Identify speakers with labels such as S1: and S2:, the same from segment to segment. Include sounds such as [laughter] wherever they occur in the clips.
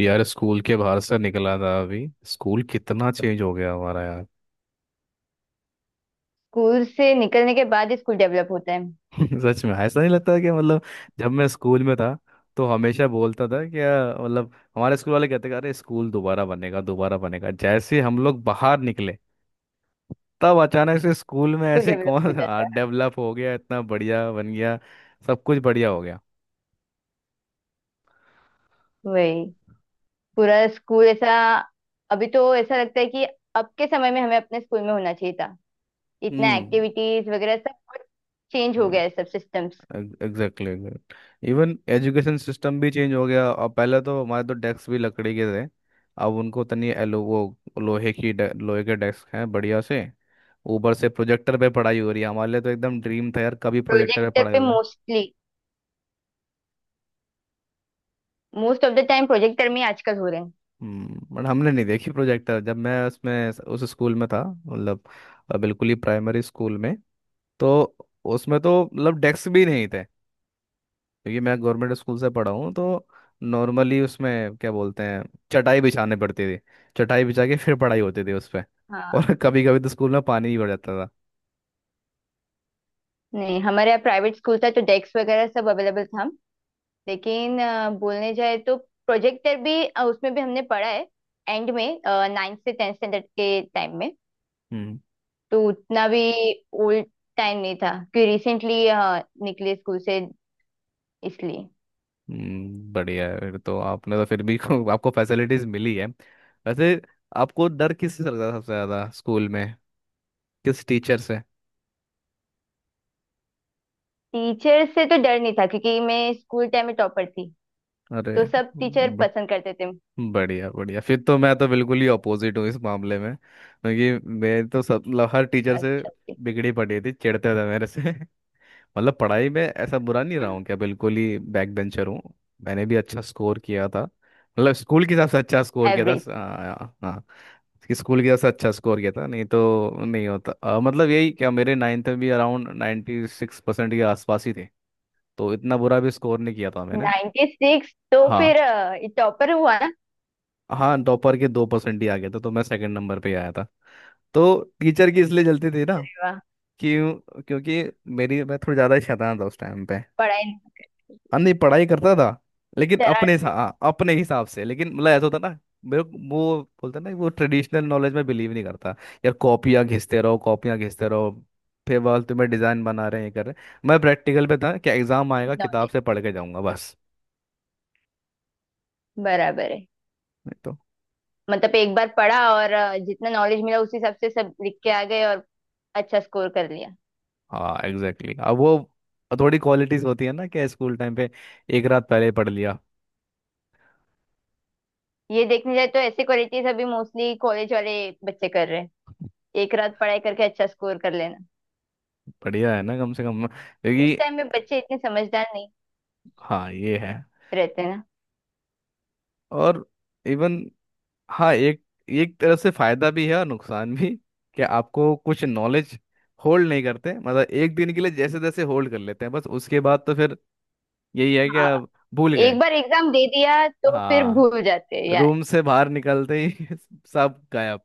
S1: यार स्कूल के बाहर से निकला था। अभी स्कूल कितना चेंज हो गया हमारा यार [laughs]
S2: स्कूल से निकलने के बाद ही स्कूल डेवलप होता है।
S1: सच में ऐसा नहीं लगता कि मतलब जब मैं स्कूल में था तो हमेशा बोलता था कि यार, मतलब हमारे स्कूल वाले कहते थे, अरे स्कूल दोबारा बनेगा दोबारा बनेगा। जैसे ही हम लोग बाहर निकले तब अचानक से स्कूल में
S2: स्कूल
S1: ऐसे
S2: डेवलप
S1: कौन
S2: हो जाता
S1: [laughs]
S2: है।
S1: डेवलप हो गया, इतना बढ़िया बन गया, सब कुछ बढ़िया हो गया।
S2: वही। पूरा स्कूल ऐसा। अभी तो ऐसा लगता है कि अब के समय में हमें अपने स्कूल में होना चाहिए था। इतना
S1: हम्म,
S2: एक्टिविटीज वगैरह सब बहुत चेंज हो गया है सब systems.
S1: Exactly. Even education system भी चेंज हो गया। अब पहले तो हमारे तो डेस्क भी लकड़ी के थे। अब उनको तनी एलो वो लोहे के डेस्क हैं बढ़िया से। ऊपर से प्रोजेक्टर पे पढ़ाई हो रही है। हमारे लिए तो एकदम ड्रीम था यार, कभी प्रोजेक्टर पे
S2: प्रोजेक्टर
S1: पढ़ाई
S2: पे
S1: हो गया।
S2: Mostly most of the time projector में ही आजकल हो रहे हैं।
S1: हम्म, बट हमने नहीं देखी प्रोजेक्टर। जब मैं उसमें उस स्कूल में था मतलब बिल्कुल ही प्राइमरी स्कूल में, तो उसमें तो मतलब डेस्क भी
S2: जी।
S1: नहीं थे क्योंकि मैं गवर्नमेंट स्कूल से पढ़ा हूँ। तो नॉर्मली उसमें क्या बोलते हैं, चटाई बिछाने पड़ती थी। चटाई बिछा के फिर पढ़ाई होती थी उस पर।
S2: हाँ।
S1: और [laughs] कभी कभी तो स्कूल में पानी भी भर जाता था।
S2: नहीं हमारे यहाँ प्राइवेट स्कूल था तो डेस्क वगैरह सब अवेलेबल था। लेकिन बोलने जाए तो प्रोजेक्टर भी उसमें भी हमने पढ़ा है एंड में नाइन्थ से टेंथ स्टैंडर्ड के टाइम में।
S1: हम्म।
S2: तो उतना भी ओल्ड टाइम नहीं था कि रिसेंटली हाँ निकले स्कूल से इसलिए।
S1: बढ़िया है फिर तो, आपने तो फिर भी [laughs] आपको फैसिलिटीज मिली है वैसे। आपको डर किससे लगता था सबसे ज्यादा स्कूल में? किस टीचर से?
S2: टीचर से तो डर नहीं था क्योंकि मैं स्कूल टाइम में टॉपर थी।
S1: अरे
S2: तो सब टीचर
S1: ब-
S2: पसंद करते थे।
S1: बढ़िया बढ़िया, फिर तो मैं तो बिल्कुल ही अपोजिट हूँ इस मामले में क्योंकि मैं तो सब मतलब हर टीचर से
S2: अच्छा थी।
S1: बिगड़ी पड़ी थी, चिढ़ते थे मेरे से [laughs] मतलब पढ़ाई में ऐसा बुरा नहीं रहा हूँ क्या, बिल्कुल ही बैक बेंचर हूँ। मैंने भी अच्छा स्कोर किया था, मतलब स्कूल के हिसाब से अच्छा स्कोर किया था।
S2: एवरेज।
S1: हाँ हाँ, कि स्कूल के हिसाब से अच्छा स्कोर किया था, नहीं तो नहीं होता। मतलब यही क्या, मेरे नाइन्थ में भी अराउंड 96% के आसपास ही थे, तो इतना बुरा भी स्कोर नहीं किया था मैंने।
S2: 96 सिक्स तो
S1: हाँ।
S2: फिर टॉपर हुआ ना।
S1: हाँ, टॉपर के 2% ही आ गया था तो मैं सेकंड नंबर पे ही आया था। तो टीचर की इसलिए जलती थी ना।
S2: वाह,
S1: क्यों, क्योंकि मेरी मैं थोड़ी ज़्यादा शैतान था उस टाइम पे।
S2: पढ़ाई नहीं करती।
S1: हाँ, नहीं पढ़ाई करता था लेकिन
S2: शरारती।
S1: हाँ, अपने हिसाब से। लेकिन मतलब ऐसा होता ना, वो बोलता ना, वो ट्रेडिशनल नॉलेज में बिलीव नहीं करता। यार कॉपियाँ घिसते रहो, कॉपियाँ घिसते रहो, फिर वाल तुम्हें डिजाइन बना रहे हैं ये कर रहे हैं। मैं प्रैक्टिकल पे था कि एग्जाम आएगा किताब
S2: नॉलेज
S1: से पढ़ के जाऊंगा बस।
S2: बराबर है।
S1: नहीं तो,
S2: मतलब एक बार पढ़ा और जितना नॉलेज मिला उस हिसाब से सब लिख के आ गए और अच्छा स्कोर कर लिया।
S1: हाँ एग्जैक्टली exactly। अब वो थोड़ी क्वालिटीज होती है ना कि स्कूल टाइम पे एक रात पहले ही पढ़ लिया।
S2: ये देखने जाए तो ऐसे क्वालिटीज अभी मोस्टली कॉलेज वाले बच्चे कर रहे हैं। एक रात पढ़ाई करके अच्छा स्कोर कर लेना।
S1: बढ़िया है ना कम से कम,
S2: उस
S1: क्योंकि
S2: टाइम में बच्चे इतने समझदार नहीं
S1: हाँ ये है।
S2: रहते ना।
S1: और इवन, हाँ एक एक तरह से फायदा भी है और नुकसान भी, कि आपको कुछ नॉलेज होल्ड नहीं करते। मतलब एक दिन के लिए जैसे तैसे होल्ड कर लेते हैं बस, उसके बाद तो फिर यही है कि
S2: हाँ।
S1: आप भूल
S2: एक
S1: गए।
S2: बार एग्जाम दे दिया तो फिर
S1: हाँ,
S2: भूल जाते हैं यार।
S1: रूम से बाहर निकलते ही [laughs] सब गायब।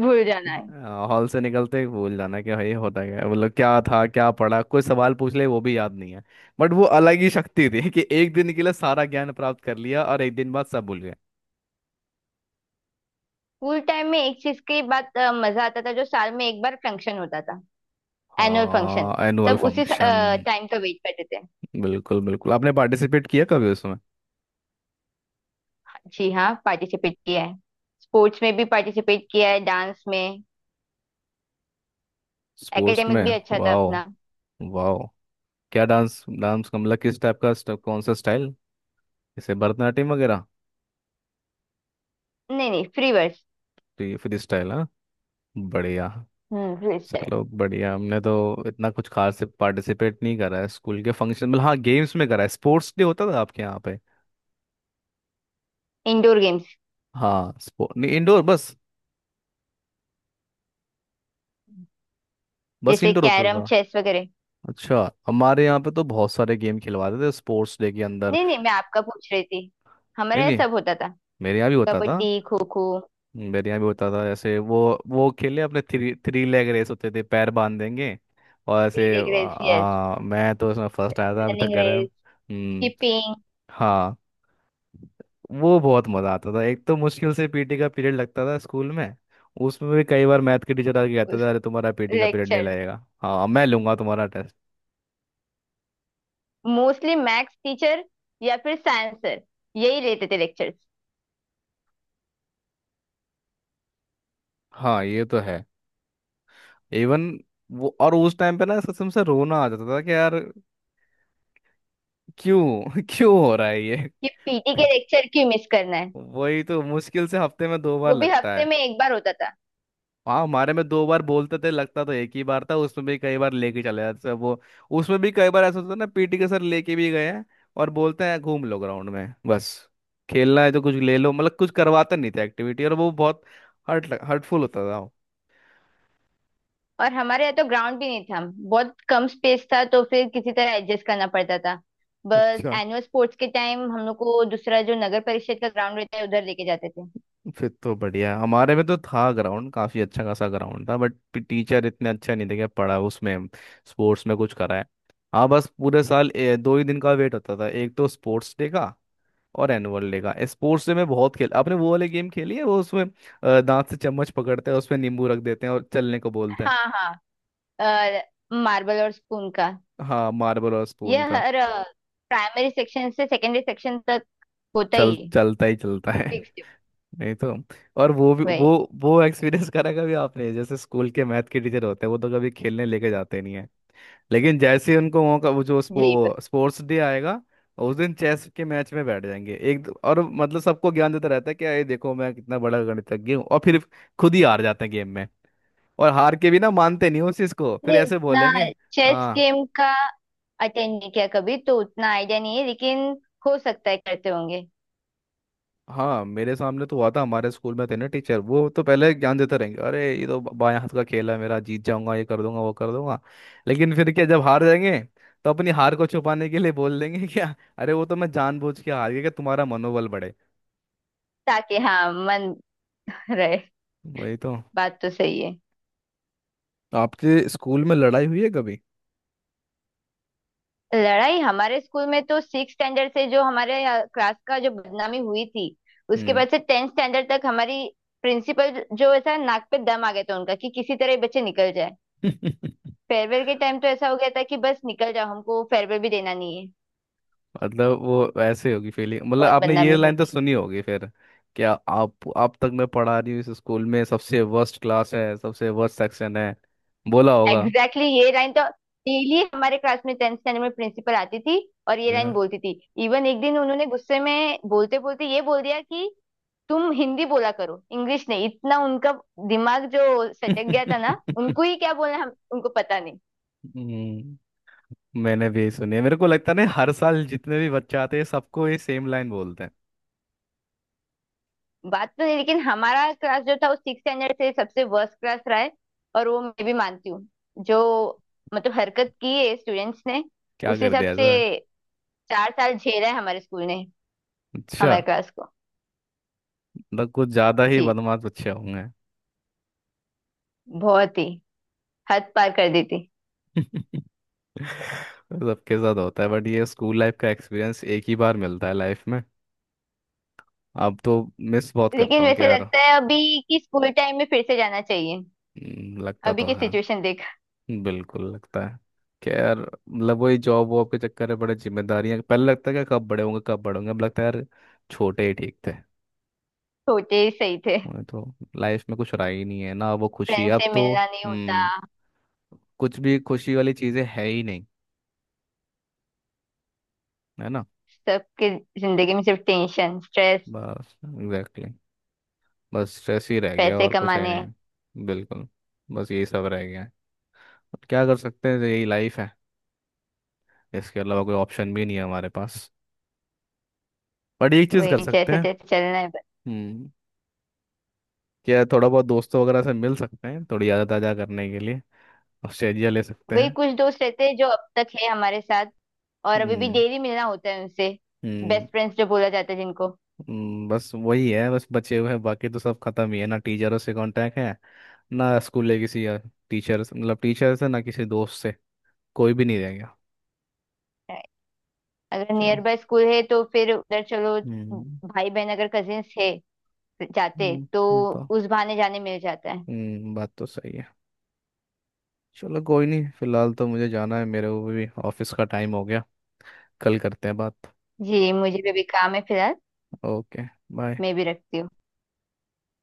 S2: भूल जाना है।
S1: हाँ, हॉल से निकलते ही भूल जाना कि भाई होता क्या है, मतलब क्या था क्या पढ़ा, कोई सवाल पूछ ले वो भी याद नहीं है। बट वो अलग ही शक्ति थी कि एक दिन के लिए सारा ज्ञान प्राप्त कर लिया और एक दिन बाद सब भूल गए।
S2: स्कूल टाइम में एक चीज की बात मजा आता था जो साल में एक बार फंक्शन होता था। Annual function.
S1: हाँ, एनुअल
S2: सब उसी
S1: फंक्शन।
S2: टाइम का वेट करते थे।
S1: बिल्कुल बिल्कुल, आपने पार्टिसिपेट किया कभी उसमें?
S2: जी हाँ पार्टिसिपेट किया है। स्पोर्ट्स में भी पार्टिसिपेट किया है डांस में।
S1: स्पोर्ट्स में?
S2: एकेडमिक भी अच्छा था
S1: वाओ।
S2: अपना।
S1: वाओ, क्या डांस? डांस का मतलब किस टाइप का कौन सा स्टाइल, जैसे भरतनाट्यम वगैरह?
S2: नहीं नहीं फ्री वर्स।
S1: तो ये फ्री स्टाइल, हाँ। बढ़िया।
S2: Free style.
S1: चलो बढ़िया, हमने तो इतना कुछ खास से पार्टिसिपेट नहीं करा है स्कूल के फंक्शन में। हाँ, गेम्स में करा है। स्पोर्ट्स डे होता था आपके यहाँ पे?
S2: Indoor games.
S1: हाँ, स्पोर्ट नहीं, इंडोर बस। बस
S2: जैसे
S1: इंडोर होता
S2: कैरम
S1: था।
S2: चेस वगैरह।
S1: अच्छा, हमारे यहाँ पे तो बहुत सारे गेम खिलवाते थे स्पोर्ट्स डे के अंदर।
S2: नहीं नहीं मैं आपका पूछ रही थी। हमारे
S1: नहीं
S2: यहाँ
S1: नहीं,
S2: सब होता था।
S1: मेरे यहाँ भी होता था।
S2: कबड्डी खो खो।
S1: बढ़िया भी होता था। जैसे वो खेले अपने, थ्री थ्री लेग रेस होते थे, पैर बांध देंगे और ऐसे आ,
S2: टीरेग रेस यस।
S1: आ, मैं तो उसमें फर्स्ट आया था अभी तक
S2: रनिंग
S1: घर में।
S2: रेस।
S1: हम्म।
S2: स्किपिंग।
S1: हाँ, वो बहुत मज़ा आता था। एक तो मुश्किल से पीटी का पीरियड लगता था स्कूल में, उसमें भी कई बार मैथ के टीचर आके कहते थे, अरे तुम्हारा पीटी का पीरियड नहीं
S2: लेक्चर।
S1: लगेगा, हाँ मैं लूंगा तुम्हारा टेस्ट।
S2: मोस्टली मैथ्स टीचर या फिर साइंस सर यही लेते थे लेक्चर्स।
S1: हाँ ये तो है। इवन वो, और उस टाइम पे ना कसम से रोना आ जाता था कि यार क्यों [laughs] क्यों हो रहा है ये।
S2: कि पीटी के
S1: [laughs]
S2: लेक्चर क्यों मिस करना है।
S1: वही तो, मुश्किल से हफ्ते में दो बार
S2: वो भी
S1: लगता
S2: हफ्ते
S1: है।
S2: में एक बार होता था।
S1: हाँ, हमारे में दो बार बोलते थे, लगता तो एक ही बार था, उसमें भी कई बार लेके चले जाते थे वो। उसमें भी कई बार ऐसा होता था ना, पीटी के सर लेके भी गए हैं और बोलते हैं घूम लो ग्राउंड में बस, खेलना है तो कुछ ले लो। मतलब कुछ करवाते नहीं थे एक्टिविटी, और वो बहुत हर्टफुल होता था वो।
S2: और हमारे यहाँ तो ग्राउंड भी नहीं था। बहुत कम स्पेस था तो फिर किसी तरह एडजस्ट करना पड़ता था। बस
S1: अच्छा,
S2: एनुअल स्पोर्ट्स के टाइम हम लोग को दूसरा जो नगर परिषद का ग्राउंड रहता है उधर लेके जाते थे।
S1: फिर तो बढ़िया है। हमारे में तो था ग्राउंड, काफी अच्छा खासा ग्राउंड था, बट टीचर इतने अच्छा नहीं थे कि पढ़ा उसमें, स्पोर्ट्स में कुछ कराए। हाँ, बस पूरे साल दो ही दिन का वेट होता था, एक तो स्पोर्ट्स डे का और एनुअल डे का। स्पोर्ट्स डे में बहुत खेल, आपने वो वाले गेम खेली है वो उसमें, दांत से चम्मच पकड़ते हैं उसमें नींबू रख देते हैं और चलने को बोलते हैं।
S2: हाँ हाँ। मार्बल और स्पून का।
S1: हाँ, मार्बल और
S2: ये
S1: स्पून का।
S2: हर प्राइमरी सेक्शन से सेकेंडरी सेक्शन तक होता ही
S1: चल
S2: है।
S1: चलता ही चलता है
S2: फिक्स्ड।
S1: [laughs] नहीं तो। और वो भी वो
S2: वही।
S1: वो एक्सपीरियंस करा कभी आपने, जैसे स्कूल के मैथ के टीचर होते हैं वो तो कभी खेलने लेके जाते नहीं है, लेकिन जैसे ही उनको मौका, वो जो
S2: जी बिल्कुल।
S1: स्पोर्ट्स डे आएगा उस दिन चेस के मैच में बैठ जाएंगे। एक और मतलब सबको ज्ञान देता रहता है कि ये देखो मैं कितना बड़ा गणितज्ञ हूँ, और फिर खुद ही हार जाते हैं गेम में। और हार के भी ना, मानते नहीं उस चीज को, फिर
S2: नहीं,
S1: ऐसे
S2: उतना
S1: बोलेंगे।
S2: चेस
S1: हाँ
S2: गेम का अटेंड नहीं किया कभी तो उतना आइडिया नहीं है। लेकिन हो सकता है करते होंगे।
S1: हाँ, मेरे सामने तो हुआ था। हमारे स्कूल में थे ना टीचर, वो तो पहले ज्ञान देते रहेंगे, अरे ये तो बाएं हाथ का खेल है मेरा, जीत जाऊंगा, ये कर दूंगा वो कर दूंगा। लेकिन फिर क्या जब हार जाएंगे तो अपनी हार को छुपाने के लिए बोल देंगे क्या, अरे वो तो मैं जानबूझ के हार गया कि तुम्हारा मनोबल बढ़े।
S2: ताकि हाँ मन रहे।
S1: वही तो।
S2: बात तो सही है।
S1: आपके स्कूल में लड़ाई हुई है कभी?
S2: लड़ाई हमारे स्कूल में तो सिक्स स्टैंडर्ड से जो हमारे क्लास का जो बदनामी हुई थी उसके
S1: हम्म।
S2: बाद से टेंथ स्टैंडर्ड तक हमारी प्रिंसिपल जो ऐसा नाक पे दम आ गया था उनका कि किसी तरह ये बच्चे निकल जाए।
S1: [laughs]
S2: फेयरवेल के टाइम तो ऐसा हो गया था कि बस निकल जाओ हमको फेयरवेल भी देना नहीं है।
S1: मतलब वो ऐसे होगी फीलिंग, मतलब
S2: बहुत
S1: आपने ये
S2: बदनामी
S1: लाइन
S2: हुई
S1: तो
S2: है।
S1: सुनी होगी फिर, क्या, आप तक मैं पढ़ा रही हूँ इस स्कूल में, सबसे वर्स्ट क्लास है सबसे वर्स्ट सेक्शन है। बोला होगा,
S2: एग्जैक्टली exactly। ये लाइन तो डेली हमारे क्लास में टेंथ स्टैंडर्ड में प्रिंसिपल आती थी और ये
S1: है
S2: लाइन
S1: ना?
S2: बोलती थी। इवन एक दिन उन्होंने गुस्से में बोलते बोलते ये बोल दिया कि तुम हिंदी बोला करो इंग्लिश नहीं। इतना उनका दिमाग जो सटक गया था
S1: [laughs]
S2: ना उनको ही क्या बोलना हम उनको पता।
S1: हम्म, मैंने भी यही सुनी है। मेरे को लगता है ना, हर साल जितने भी बच्चे आते हैं सबको ये सेम लाइन बोलते हैं।
S2: बात तो है लेकिन हमारा क्लास जो था वो सिक्स स्टैंडर्ड से सबसे वर्स्ट क्लास रहा है। और वो मैं भी मानती हूँ जो मतलब हरकत की है स्टूडेंट्स ने
S1: क्या
S2: उस
S1: कर
S2: हिसाब
S1: दिया
S2: से।
S1: था?
S2: चार साल झेला है हमारे स्कूल ने
S1: अच्छा,
S2: हमारे क्लास को।
S1: मतलब कुछ ज्यादा ही
S2: जी
S1: बदमाश बच्चे होंगे।
S2: बहुत ही हद पार कर दी थी।
S1: [laughs] सबके साथ होता है, बट ये स्कूल लाइफ का एक्सपीरियंस एक ही बार मिलता है लाइफ में। अब तो मिस बहुत
S2: लेकिन
S1: करता हूँ कि
S2: वैसे
S1: यार।
S2: लगता है अभी कि स्कूल टाइम में फिर से जाना चाहिए।
S1: लगता
S2: अभी
S1: तो
S2: की
S1: है।
S2: सिचुएशन देख
S1: बिल्कुल लगता है कि यार, मतलब वही जॉब वॉब के चक्कर में बड़े जिम्मेदारियां, पहले लगता है कि कब बड़े होंगे कब बड़े होंगे, अब लगता है यार छोटे ही ठीक थे।
S2: छोटे ही सही थे।
S1: उन्हें तो लाइफ में कुछ रहा ही नहीं है ना, वो खुशी
S2: फ्रेंड
S1: अब
S2: से
S1: तो।
S2: मिलना नहीं होता।
S1: हम्म, कुछ भी खुशी वाली चीजें है ही नहीं। है ना?
S2: सबके जिंदगी में सिर्फ टेंशन स्ट्रेस
S1: बस एग्जैक्टली exactly। बस स्ट्रेस ही रह गया
S2: पैसे
S1: और कुछ है
S2: कमाने।
S1: नहीं बिल्कुल। बस यही सब रह गया है। क्या कर सकते हैं, तो यही लाइफ है। इसके अलावा कोई ऑप्शन भी नहीं है हमारे पास। बट एक चीज़
S2: वही
S1: कर सकते
S2: जैसे
S1: हैं।
S2: तैसे चलना है।
S1: हम्म, क्या, थोड़ा बहुत दोस्तों वगैरह से मिल सकते हैं थोड़ी यादें ताज़ा करने के लिए। ऑस्ट्रेलिया ले सकते
S2: वही
S1: हैं।
S2: कुछ दोस्त रहते हैं जो अब तक है हमारे साथ और अभी भी
S1: हम्म।
S2: डेली मिलना होता है उनसे। Best
S1: hmm.
S2: फ्रेंड्स जो बोला जाता है जिनको
S1: बस वही है, बस बचे हुए हैं, बाकी तो सब खत्म ही है ना। टीचरों से कांटेक्ट है ना स्कूल के किसी टीचर, मतलब टीचर से ना, किसी दोस्त से, कोई भी नहीं रह गया।
S2: अगर
S1: चलो।
S2: नियर बाय स्कूल है तो फिर उधर चलो।
S1: हम्म।
S2: भाई बहन अगर कजिन्स है जाते
S1: हम्म
S2: तो
S1: बा-
S2: उस बहाने जाने मिल जाता है।
S1: बात तो सही है। चलो कोई नहीं, फिलहाल तो मुझे जाना है, मेरे को भी ऑफिस का टाइम हो गया। कल करते हैं बात।
S2: जी मुझे भी अभी काम है फिलहाल।
S1: ओके। बाय।
S2: मैं भी रखती हूँ।